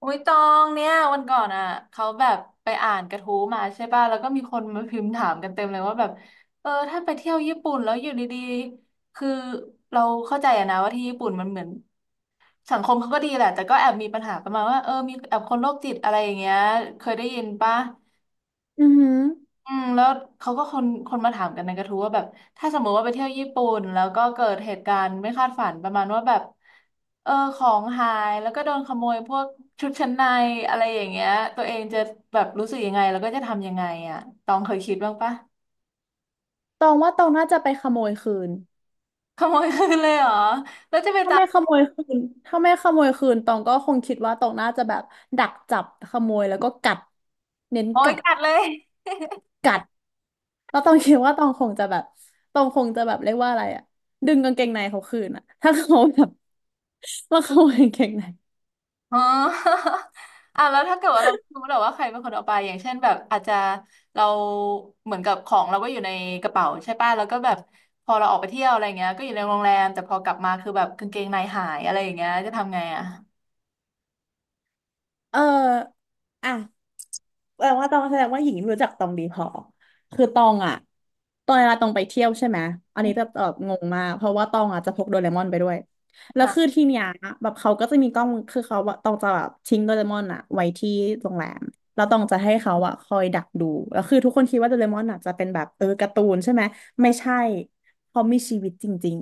อุ้ยตองเนี่ยวันก่อนอ่ะเขาแบบไปอ่านกระทู้มาใช่ป่ะแล้วก็มีคนมาพิมพ์ถามกันเต็มเลยว่าแบบเออถ้าไปเที่ยวญี่ปุ่นแล้วอยู่ดีๆคือเราเข้าใจอะนะว่าที่ญี่ปุ่นมันเหมือนสังคมเขาก็ดีแหละแต่ก็แอบมีปัญหาประมาณว่าเออมีแอบคนโรคจิตอะไรอย่างเงี้ยเคยได้ยินป่ะ อือหืออืมแล้วเขาก็คนมาถามกันในกระทู้ว่าแบบถ้าสมมติว่าไปเที่ยวญี่ปุ่นแล้วก็เกิดเหตุการณ์ไม่คาดฝันประมาณว่าแบบเออของหายแล้วก็โดนขโมยพวกชุดชั้นในอะไรอย่างเงี้ยตัวเองจะแบบรู้สึกยังไงแล้วก็จะทำยังไงอ่ะตองเคยคิดบ้างปะตองว่าตองน่าจะไปขโมยคืนขโมยคืนเลยเหรอแล้วจะเป็นถ้าไม่ขโมยคืนถ้าไม่ขโมยคืนตองก็คงคิดว่าตองน่าจะแบบดักจับขโมยแล้วก็กัดเน้นโอ้ยกัดกัดเลย กัดแล้วตองคิดว่าตองคงจะแบบตองคงจะแบบเรียกว่าอะไรอะดึงกางเกงในเขาคืนอะถ้าเขาแบบ ว่าขโมยกางเกงในอ๋อ อ่ะแล้วถ้าเกิดว่าเราไม่รู้แล้วว่าใครเป็นคนเอาไปอย่างเช่นแบบอาจจะเราเหมือนกับของเราก็อยู่ในกระเป๋าใช่ป่ะแล้วก็แบบพอเราออกไปเที่ยวอะไรเงี้ยก็อยู่ในโรงแรมแต่พอกลับมาคือแบบกางเกงในหายอะไรอย่างเงี้ยจะทำไงอ่ะเอออ่ะ แปลว่าตองแสดงว่าหญิงไม่รู้จักตองดีพอคือตองอ่ะตอนเวลาตองไปเที่ยวใช่ไหมอันนี้จะแบบงงมากเพราะว่าตองอ่ะจะพกโดเรมอนไปด้วยแล้วหาคือที่เนี้ยแบบเขาก็จะมีกล้องคือเขาว่าตองจะแบบทิ้งโดเรมอนอ่ะไว้ที่โรงแรมแล้วตองจะให้เขาอ่ะคอยดักดูแล้วคือทุกคนคิดว่าโดเรมอนอ่ะจะเป็นแบบการ์ตูนใช่ไหมเอไม่อใช่เขามีชีวิตจริง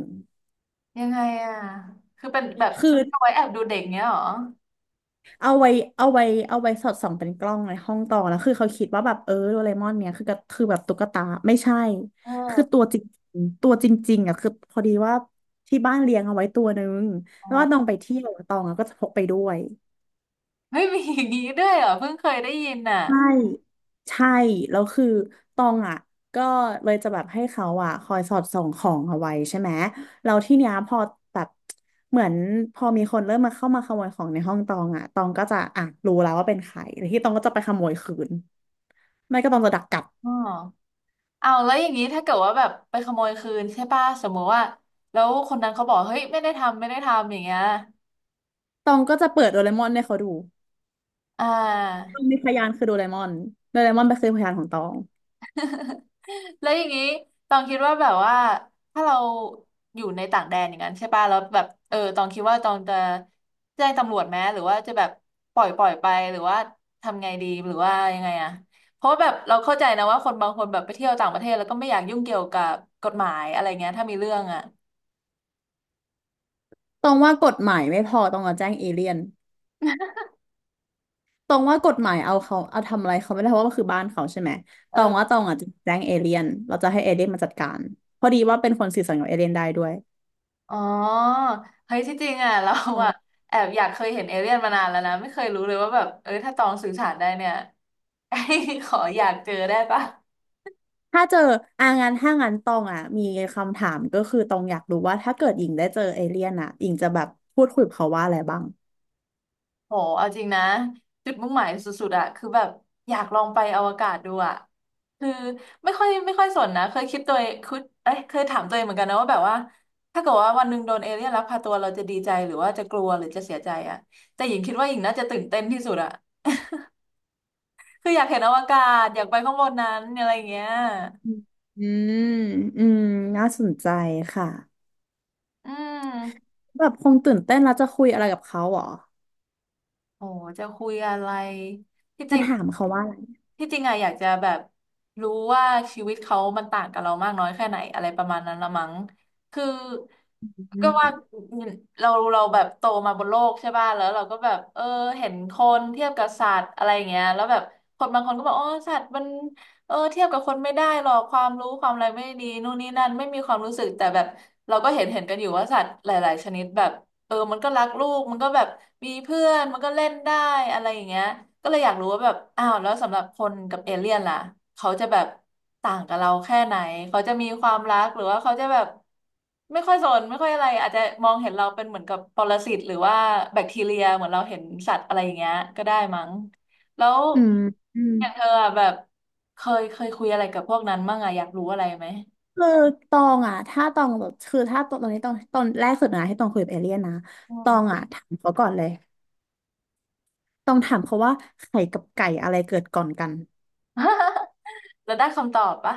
ยังไงอ่ะคือเป็นแบบๆคือ เอาไว้แอบดูเด็กเงี้ยเหรอเอาไว้เอาไว้เอาไว้สอดส่องเป็นกล้องในห้องต่อนะคือเขาคิดว่าแบบโดเรมอนเนี่ยคือก็คือแบบตุ๊กตาไม่ใช่เออคือตัวจริงๆอ่ะคือพอดีว่าที่บ้านเลี้ยงเอาไว้ตัวนึงอ๋แล้อวว่าน้องไปเที่ยวอะตองอะก็จะพกไปด้วย เฮ้ยมีอย่างงี้ด้วยเหรอเพิ่งเคยได้ยินน่ะใช่ใช่แล้วคือตองอ่ะก็เลยจะแบบให้เขาอ่ะคอยสอดส่องของเอาไว้ใช่ไหมแล้วที่เนี้ยพอแบบเหมือนพอมีคนเริ่มมาเข้ามาขโมยของในห้องตองอ่ะตองก็จะอ่ะรู้แล้วว่าเป็นใครแล้วที่ตองก็จะไปขโมยคืนไม่ก็ตองจะดักกลับอ๋อ เอาวแล้วอย่างนี้ถ้าเกิดว่าแบบไปขโมยคืนใช่ป่ะสมมุติว่าแล้วคนนั้นเขาบอกเฮ้ยไม่ได้ทำไม่ได้ทำอย่างเงี้ยตองก็จะเปิดโดเรมอนให้เขาดูอ่าตองมีพยานคือโดเรมอนโดเรมอนไปนคือพยานของตองแล้วอย่างนี้ตองคิดว่าแบบว่าถ้าเราอยู่ในต่างแดนอย่างนั้นใช่ป่ะแล้วแบบเออตองคิดว่าตองจะแจ้งตำรวจไหมหรือว่าจะแบบปล่อยไปหรือว่าทำไงดีหรือว่ายังไงอะเพราะว่าแบบเราเข้าใจนะว่าคนบางคนแบบไปเที่ยวต่างประเทศแล้วก็ไม่อยากยุ่งเกี่ยวกับกฎหมายอะไรเงี้ยถ้ามีเรื่องอะตองว่ากฎหมายไม่พอตองจะแจ้งเอเลี่ยน ตองว่ากฎหมายเอาเขาเอาทำอะไรเขาไม่ได้เพราะว่ามันคือบ้านเขาใช่ไหมเอตออ งว่าตองอาจจะแจ้งเอเลี่ยนเราจะให้เอเลี่ยนมาจัดการพอดีว่าเป็นคนสื่อสารกับเอเลี่ยนได้ด้วยอ๋อเฮ้ยที่จริงอ่ะ เราอ่ะอ่าแอบอยากเคยเห็นเอเลี่ยนมานานแล้วนะไม่เคยรู้เลยว่าแบบเอ้ถ้าตองสื่อสารได้เนี่ย ขออยากเจอได้ปะถ้าเจองานถ้างานตองอ่ะมีคำถามก็คือตองอยากรู้ว่าถ้าเกิดหญิงได้เจอเอเลี่ยนอ่ะหญิงจะแบบพูดคุยกับเขาว่าอะไรบ้างโหเอาจริงนะจุดมุ่งหมายสุดๆอ่ะคือแบบอยากลองไปอวกาศดูอ่ะคือไม่ค่อยสนนะเคยคิดตัวเองคิดเอ้ยเคยถามตัวเองเหมือนกันนะว่าแบบว่าถ้าเกิดว่าวันหนึ่งโดนเอเลี่ยนลักพาตัวเราจะดีใจหรือว่าจะกลัวหรือจะเสียใจอ่ะแต่หญิงคิดว่าหญิงน่าจะตื่นเต้นที่สุดอ่ะคืออยากเห็นอวกาศอยากไปข้างบนนั้นอะไรอย่างเงี้ย อืมอืมอืมน่าสนใจค่ะอืมแบบคงตื่นเต้นแล้วจะคุยอะไรกับเขาเหรอโอ้จะคุยอะไรที่จจะริงถามเขาว่าอะไรที่จริงอะอยากจะแบบรู้ว่าชีวิตเขามันต่างกับเรามากน้อยแค่ไหนอะไรประมาณนั้นละมั้งคืออืก็ว่ามเราแบบโตมาบนโลกใช่ป่ะแล้วเราก็แบบเออเห็นคนเทียบกับสัตว์อะไรอย่างเงี้ยแล้วแบบคนบางคนก็บอกอ๋อสัตว์มันเออเทียบกับคนไม่ได้หรอกความรู้ความอะไรไม่ดีนู่นนี่นั่นไม่มีความรู้สึกแต่แบบเราก็เห็นกันอยู่ว่าสัตว์หลายๆชนิดแบบ เออมันก็รักลูกมันก็แบบมีเพื่อนมันก็เล่นได้อะไรอย่างเงี้ยก็เลยอยากรู้ว่าแบบอ้าวแล้วสำหรับคนกับเอเลี่ยนล่ะเขาจะแบบต่างกับเราแค่ไหนเขาจะมีความรักหรือว่าเขาจะแบบไม่ค่อยสนไม่ค่อยอะไรอาจจะมองเห็นเราเป็นเหมือนกับปรสิตหรือว่าแบคทีเรียเหมือนเราเห็นสัตว์อะไรอย่างเงี้ยก็ได้มั้งแล้วอือย่างเธอม อะแบบเคยคุยอะไรกับพวกนั้นบ้างอะอยากรู้อะไรไหมคือตองอ่ะถ้าตองแบบคือถ้าตอนนี้ตองตอนแรกสุดนะที่ตองคุยกับเอเลี่ยนนะอืตม องอ่ะถามเขาก่อนเลยตองถามเขาว่าไข่กับไก่อะไรเกิดก่อนกัน แล้วได้คำตอบปะ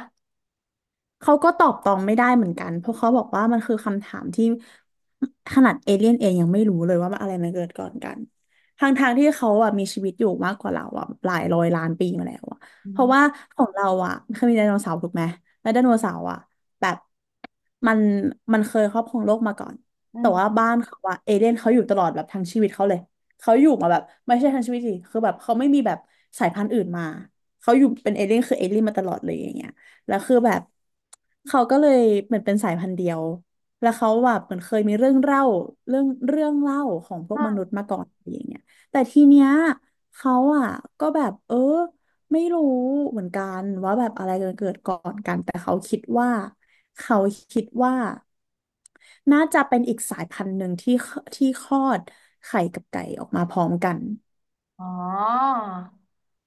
เขาก็ตอบตองไม่ได้เหมือนกันเพราะเขาบอกว่ามันคือคำถามที่ขนาดเอเลี่ยนเองยังไม่รู้เลยว่าอะไรมันเกิดก่อนกันทางๆที่เขาอ่ะมีชีวิตอยู่มากกว่าเราอ่ะหลายร้อยล้านปีมาแล้วอ่ะอืเพราะมว่าของเราอ่ะเคยมีไดโนเสาร์ถูกไหมแล้วไดโนเสาร์อ่ะแบบมันมันเคยครอบครองโลกมาก่อนอืแต่ว่าม บ้านเขาอ่ะเอเลี่ยนเขาอยู่ตลอดแบบทั้งชีวิตเขาเลยเขาอยู่มาแบบไม่ใช่ทั้งชีวิตดิคือแบบเขาไม่มีแบบสายพันธุ์อื่นมาเขาอยู่เป็นเอเลี่ยนคือเอเลี่ยนมาตลอดเลยอย่างเงี้ย แล้วคือแบบเขาก็เลยเหมือนเป็นสายพันธุ์เดียวแล้วเขาแบบเหมือนเคยมีเรื่องเล่าของพวกมนุษย์มาก่อนอะไรอย่างเงี้ยแต่ทีเนี้ยเขาอ่ะก็แบบไม่รู้เหมือนกันว่าแบบอะไรจะเกิดก่อนกันแต่เขาคิดว่าเขาคิดว่าน่าจะเป็นอีกสายพันธุ์หนึ่งที่คลอดไข่กับไก่ออกมาพร้อมกันอ๋อ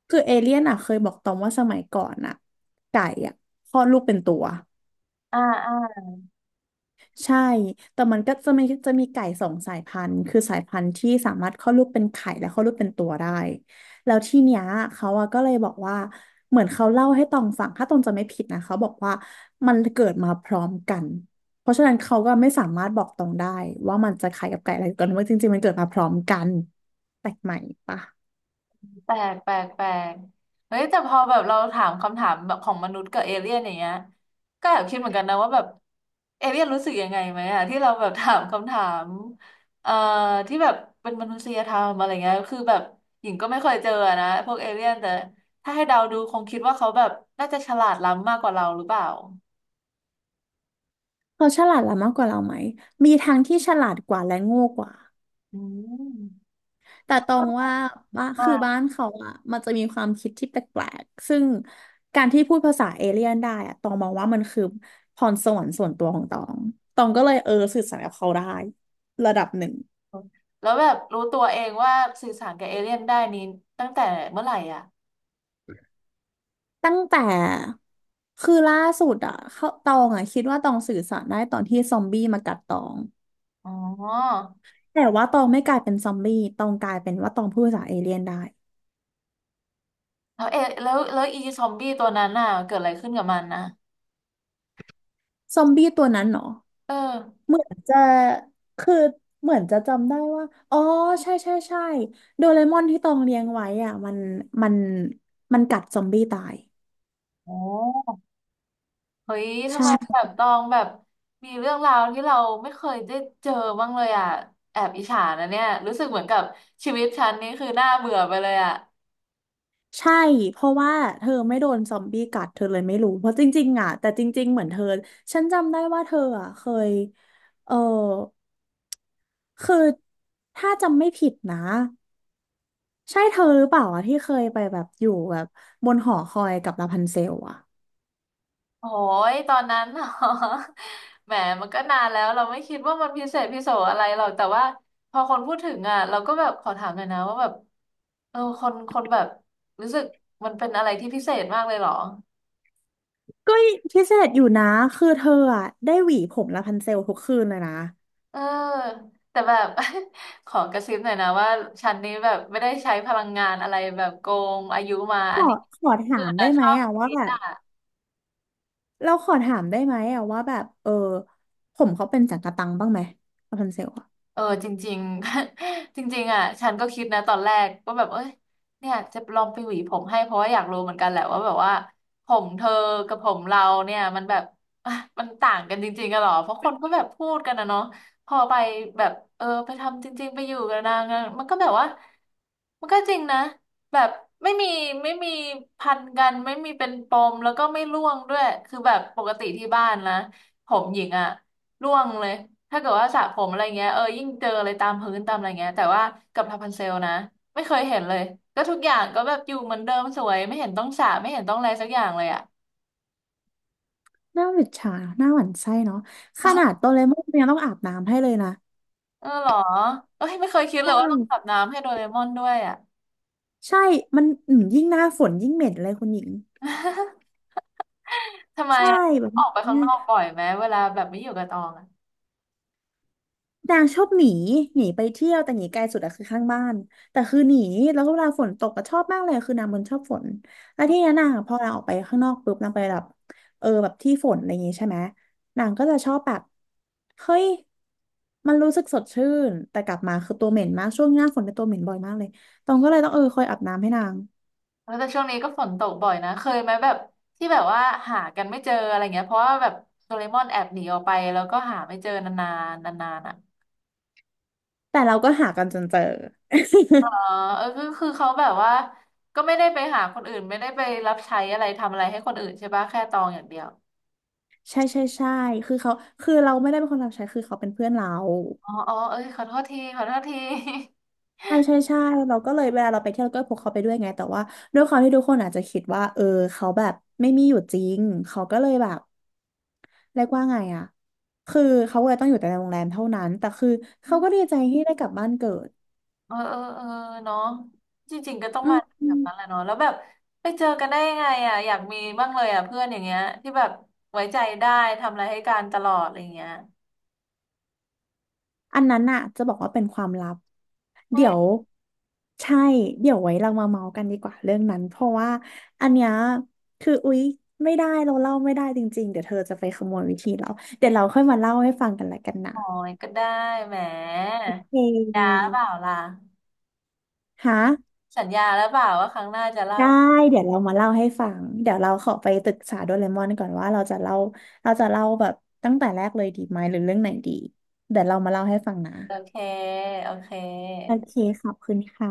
คือเอเลี่ยนอ่ะเคยบอกตอมว่าสมัยก่อนอ่ะไก่อ่ะคลอดลูกเป็นตัว อ่าอ่าใช่ แต่มันก็จะมีไก่สองสายพันธุ์คือสายพันธุ์ที่สามารถคลอดลูกเป็นไข่และคลอดลูกเป็นตัวได้แล้วที่เนี้ยเขาอะก็เลยบอกว่า เหมือนเขาเล่าให้ตองฟังถ้าตองจะไม่ผิดนะเขาบอกว่ามันเกิดมาพร้อมกัน เพราะฉะนั้นเขาก็ไม่สามารถบอกตองได้ว่ามันจะไข่กับไก่อะไรกันว่าจริงๆมันเกิดมาพร้อมกันแปลกใหม่ปะแปลก แปลก แปลกเฮ้ยแต่พอแบบเราถามคำถามแบบของมนุษย์กับเอเลี่ยนอย่างเงี้ยก็แอบคิดเหมือนกันนะว่าแบบเอเลี่ยนรู้สึกยังไงไหมอะที่เราแบบถามคำถามเอ่อที่แบบเป็นมนุษยธรรมอะไรเงี้ย คือแบบหญิงก็ไม่เคยเจอนะพวกเอเลี่ยนแต่ถ้าให้เดาดูคงคิดว่าเขาแบบน่าจะฉลาดล้ำมากกว่าเราหรือเปล่า เขาฉลาดละมากกว่าเราไหมมีทั้งที่ฉลาดกว่าและโง่กว่า อืมแต่ตรงว่าบ้านมาคือกบ้านเขาอะ มันจะมีความคิดที่แปลกๆซึ่งการที่พูดภาษาเอเลี่ยนได้อะตองมองว่ามันคือพรสวรรค์ส่วนตัวของตองตองก็เลยสื่อสารกับเขาได้ระดับหนึ่งแล้วแบบรู้ตัวเองว่าสื่อสารกับเอเลี่ยนได้นี้ตั้งแต่เมื่อไหร่อ่ะ ตั้งแต่ คือล่าสุดอะเขาตองอะคิดว่าตองสื่อสารได้ตอนที่ซอมบี้มากัดตอง อ๋อแต่ว่าตองไม่กลายเป็นซอมบี้ตองกลายเป็นว่าตองพูดภาษาเอเลี่ยนได้แล้วเอะแล้วแล้วอีซอมบี้ตัวนั้นน่ะเกิดอะไรขึ้นกับมันนะซอมบี้ตัวนั้นเหรอ เออเหมือนจะคือเหมือนจะจำได้ว่าอ๋อใช่ใช่ใช่โดเรมอนที่ตองเลี้ยงไว้อ่ะมันมันมันกัดซอมบี้ตายโอ้เฮ้ยทำไมแบใช่บตองแบบมีเรื่องราวที่เราไม่เคยได้เจอบ้างเลยอ่ะแอบอิจฉานะเนี่ยรู้สึกเหมือนกับชีวิตฉันนี่คือน่าเบื่อไปเลยอ่ะใช่เพราะว่าเธอไม่โดนซอมบี้กัดเธอเลยไม่รู้เพราะจริงๆอ่ะแต่จริงๆเหมือนเธอฉันจำได้ว่าเธออ่ะเคยเออคือถ้าจำไม่ผิดนะใช่เธอหรือเปล่าอ่ะที่เคยไปแบบอยู่แบบบนหอคอยกับลาพันเซลอ่ะ โอ้ยตอนนั้น เหรอ แหมมันก็นานแล้วเราไม่คิดว่ามันพิเศษพิโสอะไรหรอกแต่ว่าพอคนพูดถึงอ่ะเราก็แบบขอถามหน่อยนะว่าแบบเออคนแบบรู้สึกมันเป็นอะไรที่พิเศษมากเลยเหรอ ก็พิเศษอยู่นะคือเธออะได้หวีผมละพันเซลทุกคืนเลยนะเออแต่แบบ ขอกระซิบหน่อยนะว่าฉันนี้แบบไม่ได้ใช้พลังงานอะไรแบบโกงอายุมาอันนี้ขอถาคือมได้นะชไหมอบอะว่าคิดแบบอ่ะ เราขอถามได้ไหมอะว่าแบบผมเขาเป็นจักระตังบ้างไหมละพันเซลอะเออจริงๆ จริงๆอ่ะฉันก็คิดนะตอนแรกว่าแบบเอ้ยเนี่ยจะลองไปหวีผมให้เพราะว่าอยากรู้เหมือนกันแหละว่าแบบว่าผมเธอกับผมเราเนี่ยมันแบบ อ่ะมันต่างกันจริงๆกันหรอเพราะคนก็แบบพูดกันนะเนาะพอไปแบบเออไปทำจริงๆไปอยู่กับนางอะมันก็แบบว่ามันก็จริงนะแบบไม่มีไม่มีพันกันไม่มีเป็นปมแล้วก็ไม่ร่วงด้วยคือแบบปกติที่บ้านนะผมหญิงอ่ะ ร่วงเลยถ้าเกิดว่าสระผมอะไรเงี้ยเออยิ่งเจออะไรตามพื้นตามอะไรเงี้ยแต่ว่ากับทาพันเซลนะไม่เคยเห็นเลยก็ทุกอย่างก็แบบอยู่เหมือนเดิมสวยไม่เห็นต้องสระไม่เห็นต้องอะไรสักอย่างเลยอ่ะหน้าหวิดฉาหน้าหวั่นไส้เนาะขนาดโดเรมอนยังต้องอาบน้ำให้เลยนะเออเหรอเอ้ยไม่เคยคิดเลใช่ยว่าต้องอาบน้ำให้โดเรมอนด้วยอ่ะ ใช่มันยิ่งหน้าฝนยิ่งเหม็นเลยคุณหญิง ทำไมใช่อ่ะแบบออนี้ กไปข้างนอกบ่อยไหมเวลาแบบไม่อยู่กับตองอ่ะนางชอบหนีหนีไปเที่ยวแต่หนีไกลสุดอะคือข้างบ้านแต่คือหนีแล้วก็เวลาฝนตกก็ชอบมากเลยคือนางมันชอบฝนแล้วที่นี้นนางอะพอนางออกไปข้างนอกปุ๊บนางไปแบบแบบที่ฝนอะไรอย่างงี้ใช่ไหมนางก็จะชอบแบบเฮ้ยมันรู้สึกสดชื่นแต่กลับมาคือตัวเหม็นมากช่วงหน้าฝนเป็นยตัวเหม็นบ่อยมากเลยตองก็เลยต้องคอยอาบน้ำให้นางเออแต่ช่วงนี้ก็ฝนตกบ่อยนะเคยไหมแบบที่แบบว่าหากันไม่เจออะไรเงี้ยเพราะว่าแบบโดเรมอนแอบหนีออกไปแล้วก็หาไม่เจอนานๆนานๆอ่ะ แต่เราก็หากันจนเจออ๋อเออก็คือเขาแบบว่าก็ไม่ได้ไปหาคนอื่นไม่ได้ไปรับใช้อะไรทำอะไรให้คนอื่นใช่ปะแค่ตองอย่างเดียวใช่ใช่ใช่คือเขาคือเราไม่ได้เป็นคนรับใช้คือเขาเป็นเพื่อนเรา อ๋ออ๋อเอ้ยขอโทษทีขอโทษทีใช่ใช่ใช่เราก็เลยเวลาเราไปเที่ยวเราก็พกเขาไปด้วยไงแต่ว่าด้วยความที่ทุกคนอาจจะคิดว่าเขาแบบไม่มีอยู่จริง เขาก็เลยแบบเรียกว่าไงอะ คือเขาเลยต้องอยู่แต่ในโรงแรมเท่านั้น แต่คือเขาก็ดีใจที่ได้กลับบ้านเกิดเออเออเออเนาะจริงๆก็ต้องอืมามอแบบมนั้นแหละเนาะแล้วแบบไปเจอกันได้ยังไงอ่ะอยากมีบ้างเลยอ่ะเพื่อนอย่างเงี้ยที่แบบไว้ใจได้ทำอะไรให้กันตลอดอะไรอย่างเงี้ยอันนั้นน่ะจะบอกว่าเป็นความลับ เฮ้เดี๋ยยวใช่ เดี๋ยวไว้เรามาเมาส์กันดีกว่าเรื่องนั้นเพราะว่าอันเนี้ยคืออุ๊ยไม่ได้เราเล่าไม่ได้จริงๆเดี๋ยวเธอจะไปขโมยวิธีเราเดี๋ยวเราค่อยมาเล่าให้ฟังกันละกันนะโอ้ยก็ได้แหมโอเค ยาเปล่าล่ะฮะสัญญาแล้วเปล่าว่าครั้งหน้าจะเล่าได้เดี๋ยวเรามาเล่าให้ฟังเดี๋ยวเราขอไปปรึกษาโดเรมอนก่อนว่าเราจะเล่าเราจะเล่าแบบตั้งแต่แรกเลยดีไหมหรือเรื่องไหนดีเดี๋ยวเรามาเล่าให้ฟังนะโอเคโอเคโอเคขอบคุณค่ะ